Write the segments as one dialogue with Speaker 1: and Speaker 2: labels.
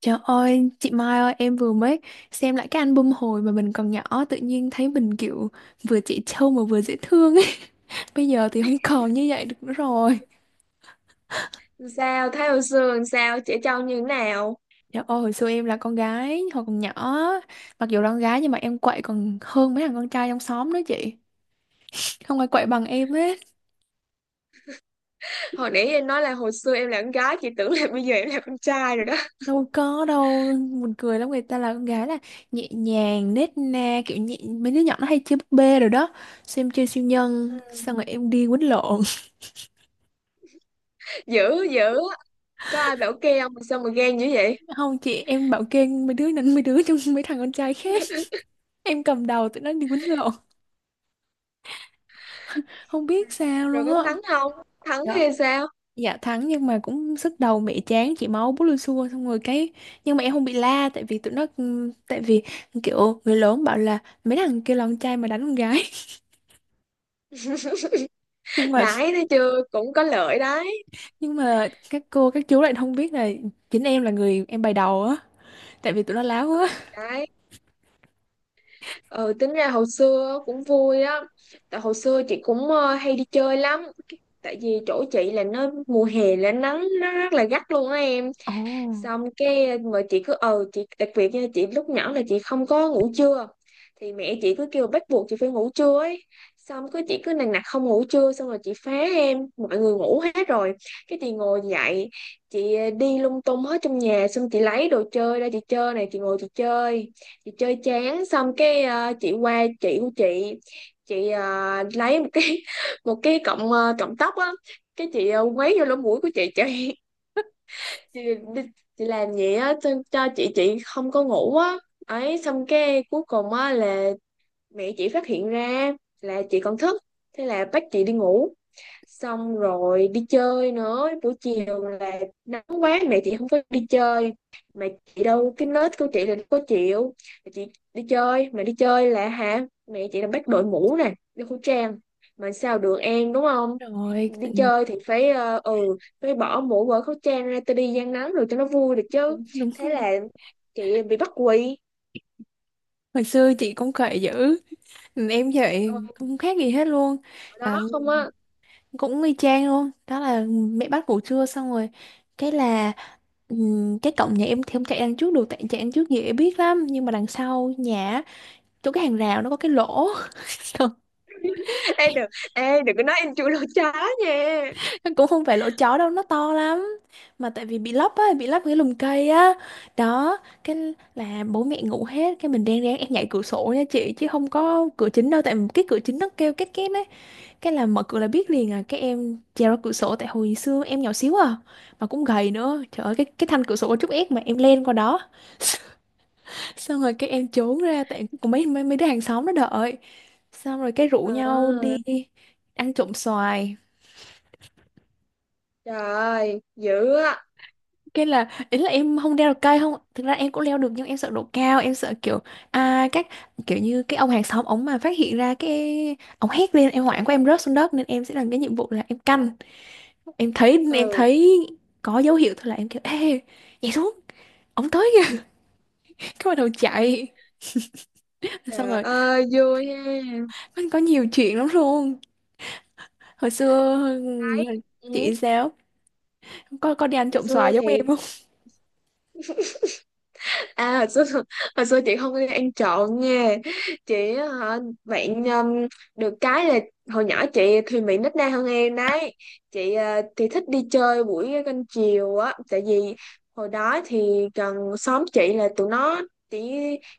Speaker 1: Trời ơi, chị Mai ơi, em vừa mới xem lại cái album hồi mà mình còn nhỏ, tự nhiên thấy mình kiểu vừa trẻ trâu mà vừa dễ thương ấy. Bây giờ thì không còn như vậy được nữa rồi.
Speaker 2: Sao thấy hồi xưa làm sao trẻ trâu như thế nào?
Speaker 1: Trời ơi, hồi xưa em là con gái, hồi còn nhỏ, mặc dù là con gái nhưng mà em quậy còn hơn mấy thằng con trai trong xóm nữa chị. Không ai quậy bằng em hết.
Speaker 2: Hồi nãy em nói là hồi xưa em là con gái, chị tưởng là bây giờ em là con trai rồi đó.
Speaker 1: Đâu có đâu, buồn cười lắm, người ta là con gái là nhẹ nhàng, nết na, kiểu nhẹ, mấy đứa nhỏ nó hay chơi búp bê rồi đó. Xem chơi siêu nhân,
Speaker 2: Ừ.
Speaker 1: xong rồi em đi quýnh lộn.
Speaker 2: Dữ dữ, có ai bảo kê không mà sao mà ghen dữ vậy?
Speaker 1: Không chị, em bảo kê mấy đứa đánh mấy đứa trong mấy thằng con trai khác. Em cầm đầu tụi nó đi quýnh lộn. Không biết sao
Speaker 2: Rồi
Speaker 1: luôn
Speaker 2: có
Speaker 1: á.
Speaker 2: thắng không? Thắng
Speaker 1: Đó.
Speaker 2: hay sao?
Speaker 1: Dạ thắng nhưng mà cũng sức đầu mẹ chán chị máu bút lưu xua xong rồi cái nhưng mà em không bị la tại vì tụi nó tại vì kiểu người lớn bảo là mấy thằng kia là con trai mà đánh con gái. nhưng mà
Speaker 2: Đãi thấy chưa, cũng có lợi đấy.
Speaker 1: nhưng mà các cô các chú lại không biết là chính em là người em bày đầu á tại vì tụi nó láo
Speaker 2: Ừ,
Speaker 1: quá.
Speaker 2: đấy. Ừ, tính ra hồi xưa cũng vui á. Tại hồi xưa chị cũng hay đi chơi lắm. Tại vì chỗ chị là nó mùa hè là nắng nó rất là gắt luôn á em.
Speaker 1: Ồ.
Speaker 2: Xong cái mà chị cứ chị đặc biệt nha, chị lúc nhỏ là chị không có ngủ trưa, thì mẹ chị cứ kêu bắt buộc chị phải ngủ trưa ấy. Xong cứ chị cứ nằng nặc không ngủ trưa, xong rồi chị phá em, mọi người ngủ hết rồi cái chị ngồi dậy. Chị đi lung tung hết trong nhà, xong chị lấy đồ chơi ra chị chơi này, chị ngồi chị chơi. Chị chơi chán xong cái chị qua chị của chị. Chị lấy một cái một cái cọng cọng tóc á. Cái chị quấy vô lỗ mũi của chị. chị, đi- chị làm vậy á cho, cho chị không có ngủ á. Ấy xong cái cuối cùng á là mẹ chị phát hiện ra là chị còn thức, thế là bắt chị đi ngủ. Xong rồi đi chơi nữa buổi chiều là nắng quá, mẹ chị không phải đi chơi, mà chị đâu, cái nết của chị là có chịu. Mà chị đi chơi, mà đi chơi là hả, mẹ chị là bắt đội mũ nè, đeo khẩu trang, mà sao được em đúng không?
Speaker 1: Rồi
Speaker 2: Đi chơi thì phải phải bỏ mũ bỏ khẩu trang ra, tôi đi gian nắng rồi cho nó vui được chứ.
Speaker 1: đúng
Speaker 2: Thế
Speaker 1: không?
Speaker 2: là chị bị bắt quỳ.
Speaker 1: Hồi xưa chị cũng khỏe dữ. Ừ, em vậy
Speaker 2: Ờ,
Speaker 1: không khác gì hết luôn.
Speaker 2: ở đó
Speaker 1: À,
Speaker 2: không á.
Speaker 1: cũng y chang luôn đó là mẹ bắt ngủ trưa xong rồi cái là cái cổng nhà em thì không chạy đằng trước được tại chạy đằng trước dễ biết lắm, nhưng mà đằng sau nhà á, chỗ cái hàng rào nó có cái lỗ.
Speaker 2: Ê đừng, ê đừng có nói em chui lỗ chó nha.
Speaker 1: Nó cũng không phải lỗ chó đâu, nó to lắm, mà tại vì bị lấp á, bị lấp cái lùm cây á. Đó. Cái là bố mẹ ngủ hết, cái mình reng rén em nhảy cửa sổ nha chị, chứ không có cửa chính đâu tại cái cửa chính nó kêu két két đấy. Cái là mở cửa là biết liền à, cái em trèo ra cửa sổ tại hồi xưa em nhỏ xíu à, mà cũng gầy nữa. Trời ơi, cái thanh cửa sổ có chút ép mà em lên qua đó. Xong rồi cái em trốn ra tại có mấy mấy mấy đứa hàng xóm nó đợi, xong rồi cái rủ
Speaker 2: Ờ,
Speaker 1: nhau đi ăn trộm xoài.
Speaker 2: trời ơi, dữ á.
Speaker 1: Cái là ý là em không leo được cây, không thực ra em cũng leo được nhưng em sợ độ cao, em sợ kiểu à các kiểu như cái ông hàng xóm ống mà phát hiện ra cái ông hét lên em hoảng quá em rớt xuống đất, nên em sẽ làm cái nhiệm vụ là em canh. em thấy em
Speaker 2: Ừ,
Speaker 1: thấy có dấu hiệu thôi là em kiểu ê, nhảy xuống, ống tới kìa. Cái bắt đầu chạy. Xong
Speaker 2: trời
Speaker 1: rồi
Speaker 2: ơi vui ha.
Speaker 1: anh có nhiều chuyện lắm luôn hồi xưa
Speaker 2: Đấy.
Speaker 1: là
Speaker 2: Ừ.
Speaker 1: chị sao có đi ăn
Speaker 2: Hồi
Speaker 1: trộm
Speaker 2: xưa
Speaker 1: xoài giống
Speaker 2: thì,
Speaker 1: em không?
Speaker 2: à hồi xưa hồi xưa chị không có ăn trộn nha. Chị á, hả, bạn được cái là hồi nhỏ chị thì bị nít na hơn em đấy. Chị thì thích đi chơi buổi canh chiều á, tại vì hồi đó thì gần xóm chị là tụi nó chỉ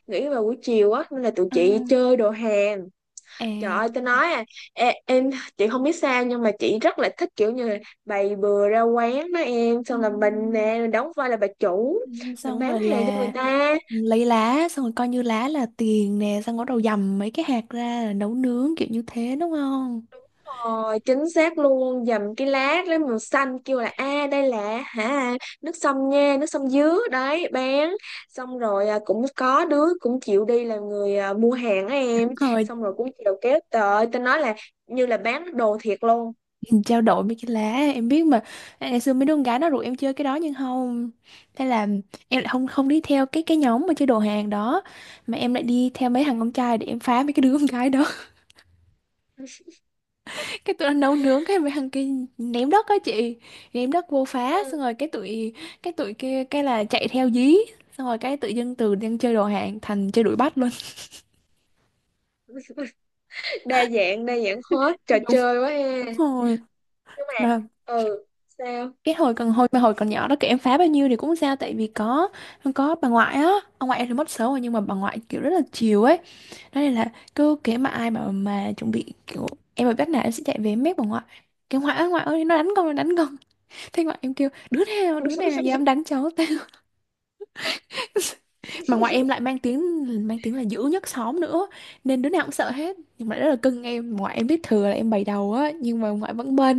Speaker 2: nghĩ vào buổi chiều á, nên là tụi
Speaker 1: Ờ,
Speaker 2: chị chơi đồ hè.
Speaker 1: à,
Speaker 2: Trời ơi, tôi nói à, em, chị không biết sao nhưng mà chị rất là thích kiểu như là bày bừa ra quán đó em, xong là mình
Speaker 1: ừm,
Speaker 2: nè, mình đóng vai là bà chủ,
Speaker 1: ừm,
Speaker 2: mình
Speaker 1: xong
Speaker 2: bán
Speaker 1: rồi
Speaker 2: hàng cho người
Speaker 1: là
Speaker 2: ta.
Speaker 1: lấy lá, xong rồi coi như lá là tiền nè, xong rồi bắt đầu dầm mấy cái hạt ra là nấu nướng kiểu như thế đúng không?
Speaker 2: Rồi, chính xác luôn, dầm cái lát lấy màu xanh kêu là, a à, đây là hả, nước sâm nha, nước sâm dứa đấy bán. Xong rồi à, cũng có đứa cũng chịu đi là người à, mua hàng á em,
Speaker 1: Đúng rồi.
Speaker 2: xong rồi cũng chịu kéo tới, tôi nói là như là bán đồ thiệt luôn.
Speaker 1: Trao đổi mấy cái lá. Em biết mà. À, ngày xưa mấy đứa con gái nó rủ em chơi cái đó nhưng không, thế là em lại không không đi theo cái nhóm mà chơi đồ hàng đó, mà em lại đi theo mấy thằng con trai để em phá mấy cái đứa con gái đó. Cái tụi nó nấu nướng, cái mấy thằng kia ném đất á chị, ném đất vô phá, xong
Speaker 2: Ừ.
Speaker 1: rồi cái tụi kia cái là chạy theo dí. Xong rồi cái tự dưng từ đang chơi đồ hàng thành chơi đuổi bắt luôn.
Speaker 2: Đa dạng hết, trò chơi quá
Speaker 1: Đúng
Speaker 2: ha.
Speaker 1: rồi.
Speaker 2: Nhưng mà,
Speaker 1: Mà
Speaker 2: ừ sao?
Speaker 1: cái hồi mà hồi còn nhỏ đó kiểu em phá bao nhiêu thì cũng không sao tại vì có bà ngoại á. Ông ngoại em thì mất sớm rồi nhưng mà bà ngoại kiểu rất là chiều ấy đó, nên là cứ kể mà ai mà chuẩn bị kiểu em ở bếp nào em sẽ chạy về em mép bà ngoại, cái ngoại ơi nó đánh con nó đánh con. Thế ngoại em kêu đứa nào dám đánh cháu tao. Mà ngoại em lại mang tiếng, mang tiếng là dữ nhất xóm nữa, nên đứa nào cũng sợ hết, nhưng mà rất là cưng em. Ngoại em biết thừa là em bày đầu á nhưng mà ngoại vẫn bênh.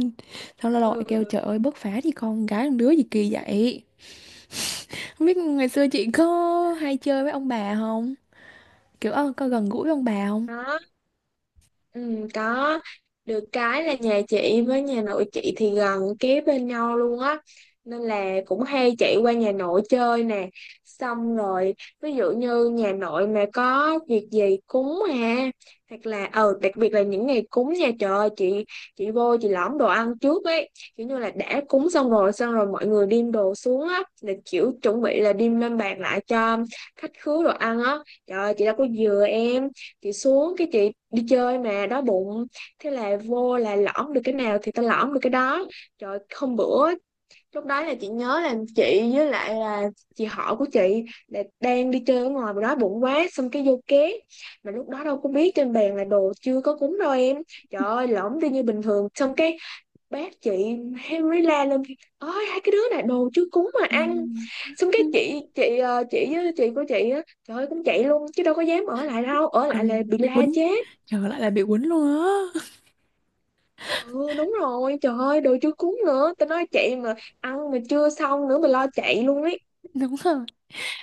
Speaker 1: Xong lâu lâu ngoại kêu
Speaker 2: Ừ,
Speaker 1: trời ơi bớt phá thì, con gái con đứa gì kỳ vậy. Không biết ngày xưa chị có hay chơi với ông bà không, kiểu có gần gũi với ông bà không?
Speaker 2: đó. Ừ, có. Được cái là nhà chị với nhà nội chị thì gần kế bên nhau luôn á, nên là cũng hay chạy qua nhà nội chơi nè. Xong rồi, ví dụ như nhà nội mà có việc gì cúng ha, hoặc là đặc biệt là những ngày cúng nha, trời ơi, chị vô chị lõm đồ ăn trước ấy. Kiểu như là đã cúng xong rồi, xong rồi mọi người đem đồ xuống á, là kiểu chuẩn bị là đem lên bàn lại cho khách khứa đồ ăn á. Trời ơi, chị đâu có dừa em, chị xuống cái chị đi chơi mà đói bụng, thế là vô là lõm được cái nào thì tao lõm được cái đó. Trời, hôm bữa lúc đó là chị nhớ là chị với lại là chị họ của chị là đang đi chơi ở ngoài, mà đói bụng quá xong cái vô ké, mà lúc đó đâu có biết trên bàn là đồ chưa có cúng đâu em. Trời ơi, lõm đi như bình thường, xong cái bác chị, Henry la lên, ôi hai cái đứa này đồ chưa cúng mà ăn. Xong cái
Speaker 1: Ừ.
Speaker 2: chị chị với chị của chị á, trời ơi cũng chạy luôn chứ đâu có dám ở lại, đâu ở
Speaker 1: Ờ,
Speaker 2: lại là bị
Speaker 1: bị
Speaker 2: la
Speaker 1: quýnh,
Speaker 2: chết.
Speaker 1: trời lại là bị quýnh luôn á.
Speaker 2: Ừ đúng rồi, trời ơi đồ chưa cúng nữa, tao nói chạy mà, ăn mà chưa xong nữa mà lo chạy luôn ấy.
Speaker 1: Đúng rồi.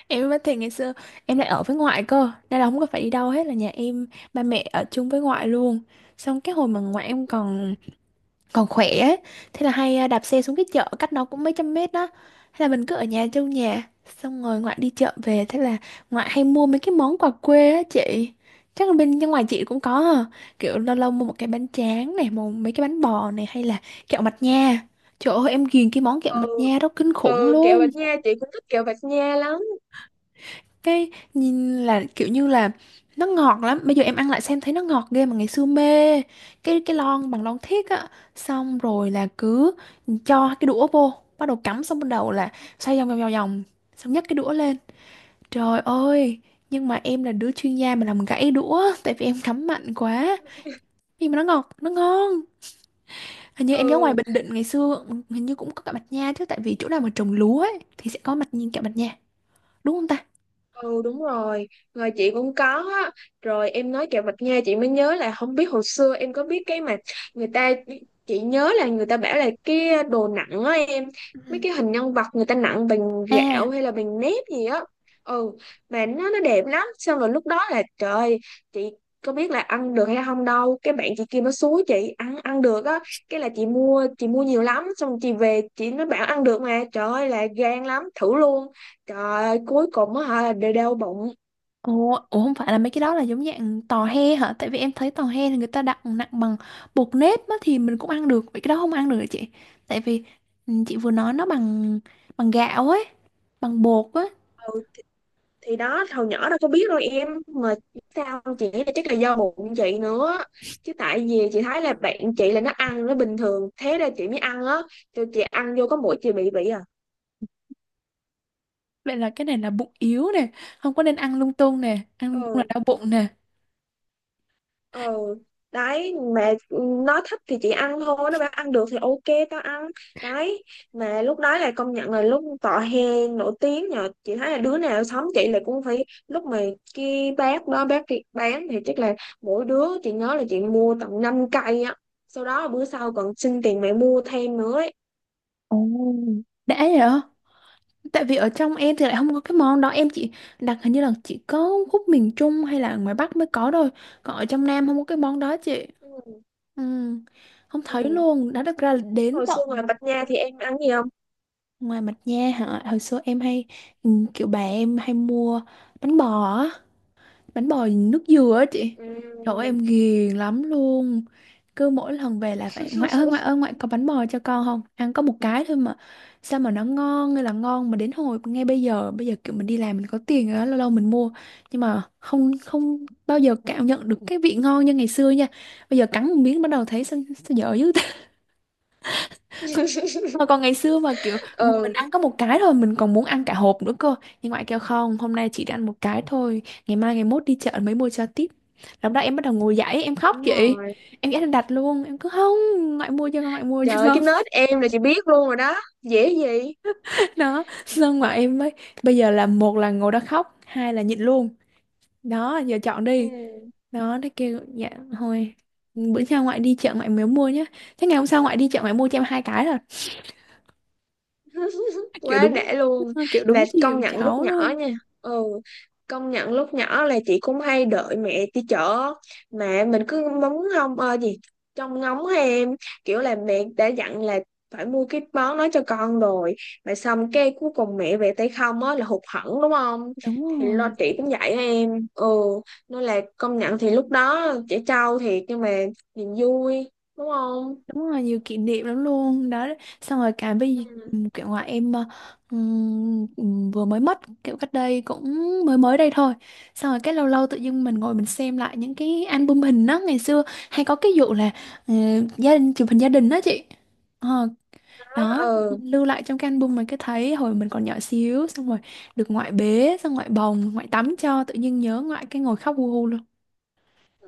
Speaker 1: Em mới thì ngày xưa em lại ở với ngoại cơ, nên là không có phải đi đâu hết, là nhà em ba mẹ ở chung với ngoại luôn. Xong cái hồi mà ngoại em còn còn khỏe ấy. Thế là hay à, đạp xe xuống cái chợ cách nó cũng mấy trăm mét đó, thế là mình cứ ở nhà, trong nhà, xong rồi ngoại đi chợ về, thế là ngoại hay mua mấy cái món quà quê á chị. Chắc là bên bên ngoài chị cũng có hả? Kiểu lâu lâu mua một cái bánh tráng này, một mấy cái bánh bò này, hay là kẹo mạch nha. Trời ơi, em ghiền cái món kẹo mạch
Speaker 2: Ừ.
Speaker 1: nha đó kinh khủng
Speaker 2: Ừ, kẹo
Speaker 1: luôn.
Speaker 2: Bạch Nha, chị cũng thích kẹo Bạch Nha lắm.
Speaker 1: Cái nhìn là kiểu như là nó ngọt lắm, bây giờ em ăn lại xem thấy nó ngọt ghê mà ngày xưa mê. Cái lon bằng lon thiếc á, xong rồi là cứ cho cái đũa vô bắt đầu cắm, xong bắt đầu là xoay vòng vòng vòng vòng, xong nhấc cái đũa lên, trời ơi. Nhưng mà em là đứa chuyên gia mà làm gãy đũa tại vì em cắm mạnh quá, nhưng mà nó ngọt nó ngon. Hình như em nhớ ngoài
Speaker 2: Ừ
Speaker 1: Bình Định ngày xưa hình như cũng có cả mạch nha chứ, tại vì chỗ nào mà trồng lúa ấy thì sẽ có mặt nhìn cả mạch nha, đúng không ta?
Speaker 2: Ừ đúng rồi, rồi chị cũng có á. Rồi em nói kẹo mạch nha chị mới nhớ, là không biết hồi xưa em có biết cái mà người ta, chị nhớ là người ta bảo là cái đồ nặng á em, mấy
Speaker 1: Ừ.
Speaker 2: cái hình nhân vật người ta nặng bằng
Speaker 1: À.
Speaker 2: gạo hay là bằng nếp gì á. Ừ, mà nó đẹp lắm, xong rồi lúc đó là trời ơi, chị có biết là ăn được hay không đâu, cái bạn chị kia nó xúi chị ăn, ăn được á, cái là chị mua nhiều lắm, xong chị về chị, nó bảo ăn được mà, trời ơi là gan lắm, thử luôn. Trời ơi, cuối cùng á hả, đều đau bụng.
Speaker 1: Ủa, ủa không phải là mấy cái đó là giống dạng tò he hả? Tại vì em thấy tò he là người ta đặng nặng bằng bột nếp á, thì mình cũng ăn được, vậy cái đó không ăn được hả chị? Tại vì ừ, chị vừa nói nó bằng bằng gạo ấy, bằng bột á.
Speaker 2: Ừ, thì đó hồi nhỏ đâu có biết đâu em, mà sao chị nghĩ là chắc là do bụng chị nữa, chứ tại vì chị thấy là bạn chị là nó ăn nó bình thường, thế ra chị mới ăn á, cho chị ăn vô có mỗi chị bị à.
Speaker 1: Vậy là cái này là bụng yếu nè, không có nên ăn lung tung nè, ăn lung tung là
Speaker 2: Ừ,
Speaker 1: đau bụng nè.
Speaker 2: ờ, đấy mà nó thích thì chị ăn thôi, nó bảo ăn được thì ok tao ăn. Đấy, mà lúc đó là công nhận là lúc tọa hè nổi tiếng, nhờ chị thấy là đứa nào sống chị là cũng phải lúc mà cái bác đó bác kia bán thì chắc là mỗi đứa chị nhớ là chị mua tận 5 cây á, sau đó là bữa sau còn xin tiền mẹ mua thêm nữa ấy.
Speaker 1: Ồ. Đã vậy hả? Tại vì ở trong em thì lại không có cái món đó. Em chỉ đặt hình như là chỉ có khúc miền Trung hay là ngoài Bắc mới có thôi. Còn ở trong Nam không có cái món đó chị.
Speaker 2: Ừ.
Speaker 1: Ừ, không thấy
Speaker 2: Ừ.
Speaker 1: luôn nó được ra là đến
Speaker 2: Hồi
Speaker 1: tận
Speaker 2: xưa ngoài Bạch Nha thì em ăn gì không?
Speaker 1: ngoài mặt nha hả, hồi xưa em hay ừ, kiểu bà em hay mua bánh bò á, bánh bò nước dừa á chị. Trời ơi,
Speaker 2: Ừ.
Speaker 1: em ghiền lắm luôn, cứ mỗi lần về là phải ngoại ơi ngoại ơi ngoại có bánh bò cho con không, ăn có một cái thôi mà sao mà nó ngon, hay là ngon mà đến hồi ngay bây giờ kiểu mình đi làm mình có tiền rồi đó, lâu lâu mình mua, nhưng mà không không bao giờ cảm nhận được cái vị ngon như ngày xưa nha. Bây giờ cắn một miếng bắt đầu thấy sao, sao dở dữ. Mà còn ngày xưa mà kiểu mình
Speaker 2: Ừ
Speaker 1: ăn có một cái thôi mình còn muốn ăn cả hộp nữa cơ, nhưng ngoại kêu không, hôm nay chỉ ăn một cái thôi, ngày mai ngày mốt đi chợ mới mua cho tiếp. Lúc đó em bắt đầu ngồi dậy em khóc
Speaker 2: đúng
Speaker 1: chị,
Speaker 2: rồi.
Speaker 1: em ghét đặt luôn em cứ không, ngoại mua cho con ngoại mua
Speaker 2: Trời
Speaker 1: cho
Speaker 2: ơi,
Speaker 1: con.
Speaker 2: cái nết em là chị biết luôn rồi đó. Dễ gì?
Speaker 1: Đó xong mà em mới bây giờ là một là ngồi đó khóc, hai là nhịn luôn, đó giờ chọn
Speaker 2: Ừ.
Speaker 1: đi. Đó nó kêu dạ thôi, bữa sau ngoại đi chợ ngoại mới mua nhá. Thế ngày hôm sau ngoại đi chợ ngoại mua cho em hai cái rồi. kiểu
Speaker 2: Quá
Speaker 1: đúng
Speaker 2: đã luôn.
Speaker 1: kiểu
Speaker 2: Mà
Speaker 1: đúng chiều
Speaker 2: công nhận lúc
Speaker 1: cháu
Speaker 2: nhỏ
Speaker 1: luôn.
Speaker 2: nha, ừ, công nhận lúc nhỏ là chị cũng hay đợi mẹ đi chợ, mà mình cứ móng không gì, trông ngóng hay em, kiểu là mẹ đã dặn là phải mua cái món đó cho con rồi, mà xong cái cuối cùng mẹ về tay không á là hụt hẫng đúng không?
Speaker 1: Đúng
Speaker 2: Thì lo
Speaker 1: rồi.
Speaker 2: chị cũng vậy á em. Ừ, nên là công nhận thì lúc đó trẻ trâu thiệt, nhưng mà niềm vui, đúng không?
Speaker 1: Đúng rồi, nhiều kỷ niệm lắm luôn đó. Xong rồi cả bây
Speaker 2: Ừ.
Speaker 1: kiểu ngoại em vừa mới mất kiểu cách đây cũng mới mới đây thôi. Xong rồi cái lâu lâu tự dưng mình ngồi mình xem lại những cái album hình đó ngày xưa, hay có cái vụ là ờ, gia đình chụp hình gia đình đó chị. Ờ,
Speaker 2: Đó,
Speaker 1: đó
Speaker 2: ừ.
Speaker 1: lưu lại trong cái album, mình cứ thấy hồi mình còn nhỏ xíu xong rồi được ngoại bế, xong ngoại bồng ngoại tắm cho, tự nhiên nhớ ngoại cái ngồi khóc hu hu luôn.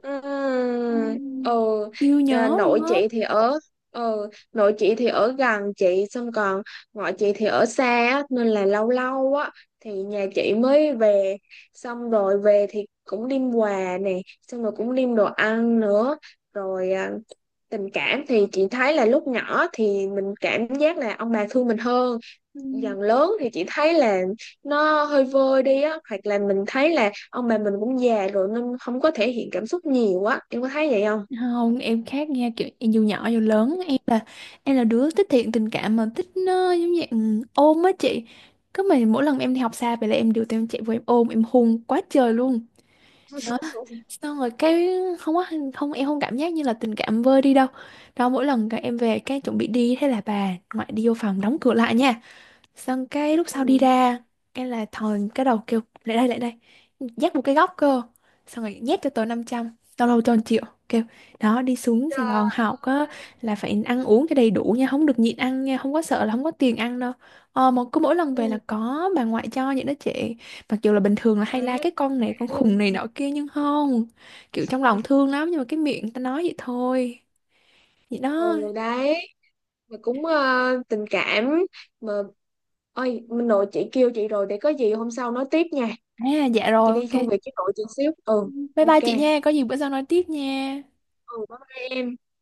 Speaker 1: Ừm,
Speaker 2: Ừ.
Speaker 1: siêu
Speaker 2: À,
Speaker 1: nhớ luôn
Speaker 2: nội
Speaker 1: á.
Speaker 2: chị thì ở, ừ nội chị thì ở gần chị xong còn ngoại chị thì ở xa á, nên là lâu lâu á thì nhà chị mới về, xong rồi về thì cũng đem quà nè, xong rồi cũng đem đồ ăn nữa rồi. À, tình cảm thì chị thấy là lúc nhỏ thì mình cảm giác là ông bà thương mình hơn,
Speaker 1: Ừ.
Speaker 2: dần lớn thì chị thấy là nó hơi vơi đi á, hoặc là mình thấy là ông bà mình cũng già rồi nên không có thể hiện cảm xúc nhiều á, em có thấy vậy không?
Speaker 1: Không em khác nha, kiểu em dù nhỏ dù lớn em là đứa thích thiện tình cảm, mà thích nó giống như ôm á chị. Cứ mà mỗi lần em đi học xa về là em đều tụi em chạy vô em ôm em hôn quá trời luôn. Đó xong rồi cái không có, không em không cảm giác như là tình cảm vơi đi đâu. Đó mỗi lần các em về cái chuẩn bị đi, thế là bà ngoại đi vô phòng đóng cửa lại nha. Xong cái lúc sau đi
Speaker 2: Ừ.
Speaker 1: ra, cái là thòn cái đầu kêu lại đây lại đây, dắt một cái góc cơ. Xong rồi nhét cho tớ 500, tao lâu cho 1 triệu. Kêu đó đi xuống Sài
Speaker 2: Trời
Speaker 1: Gòn học á,
Speaker 2: ơi.
Speaker 1: là phải ăn uống cho đầy đủ nha, không được nhịn ăn nha, không có sợ là không có tiền ăn đâu. Ờ mà cứ mỗi lần về là
Speaker 2: Ừ.
Speaker 1: có bà ngoại cho những đứa trẻ. Mặc dù là bình thường là hay
Speaker 2: Quá
Speaker 1: la cái con
Speaker 2: đã
Speaker 1: này, con khùng này
Speaker 2: luôn.
Speaker 1: nọ kia, nhưng không, kiểu trong lòng thương lắm, nhưng mà cái miệng ta nói vậy thôi. Vậy đó.
Speaker 2: Ừ đấy, mà cũng tình cảm, mà ôi mình nội chị kêu chị rồi, để có gì hôm sau nói tiếp nha.
Speaker 1: À dạ
Speaker 2: Chị
Speaker 1: rồi,
Speaker 2: đi công
Speaker 1: ok.
Speaker 2: việc với nội chị xíu. Ừ,
Speaker 1: Bye bye chị
Speaker 2: ok.
Speaker 1: nha, có gì bữa sau nói tiếp nha.
Speaker 2: Ừ bye bye em.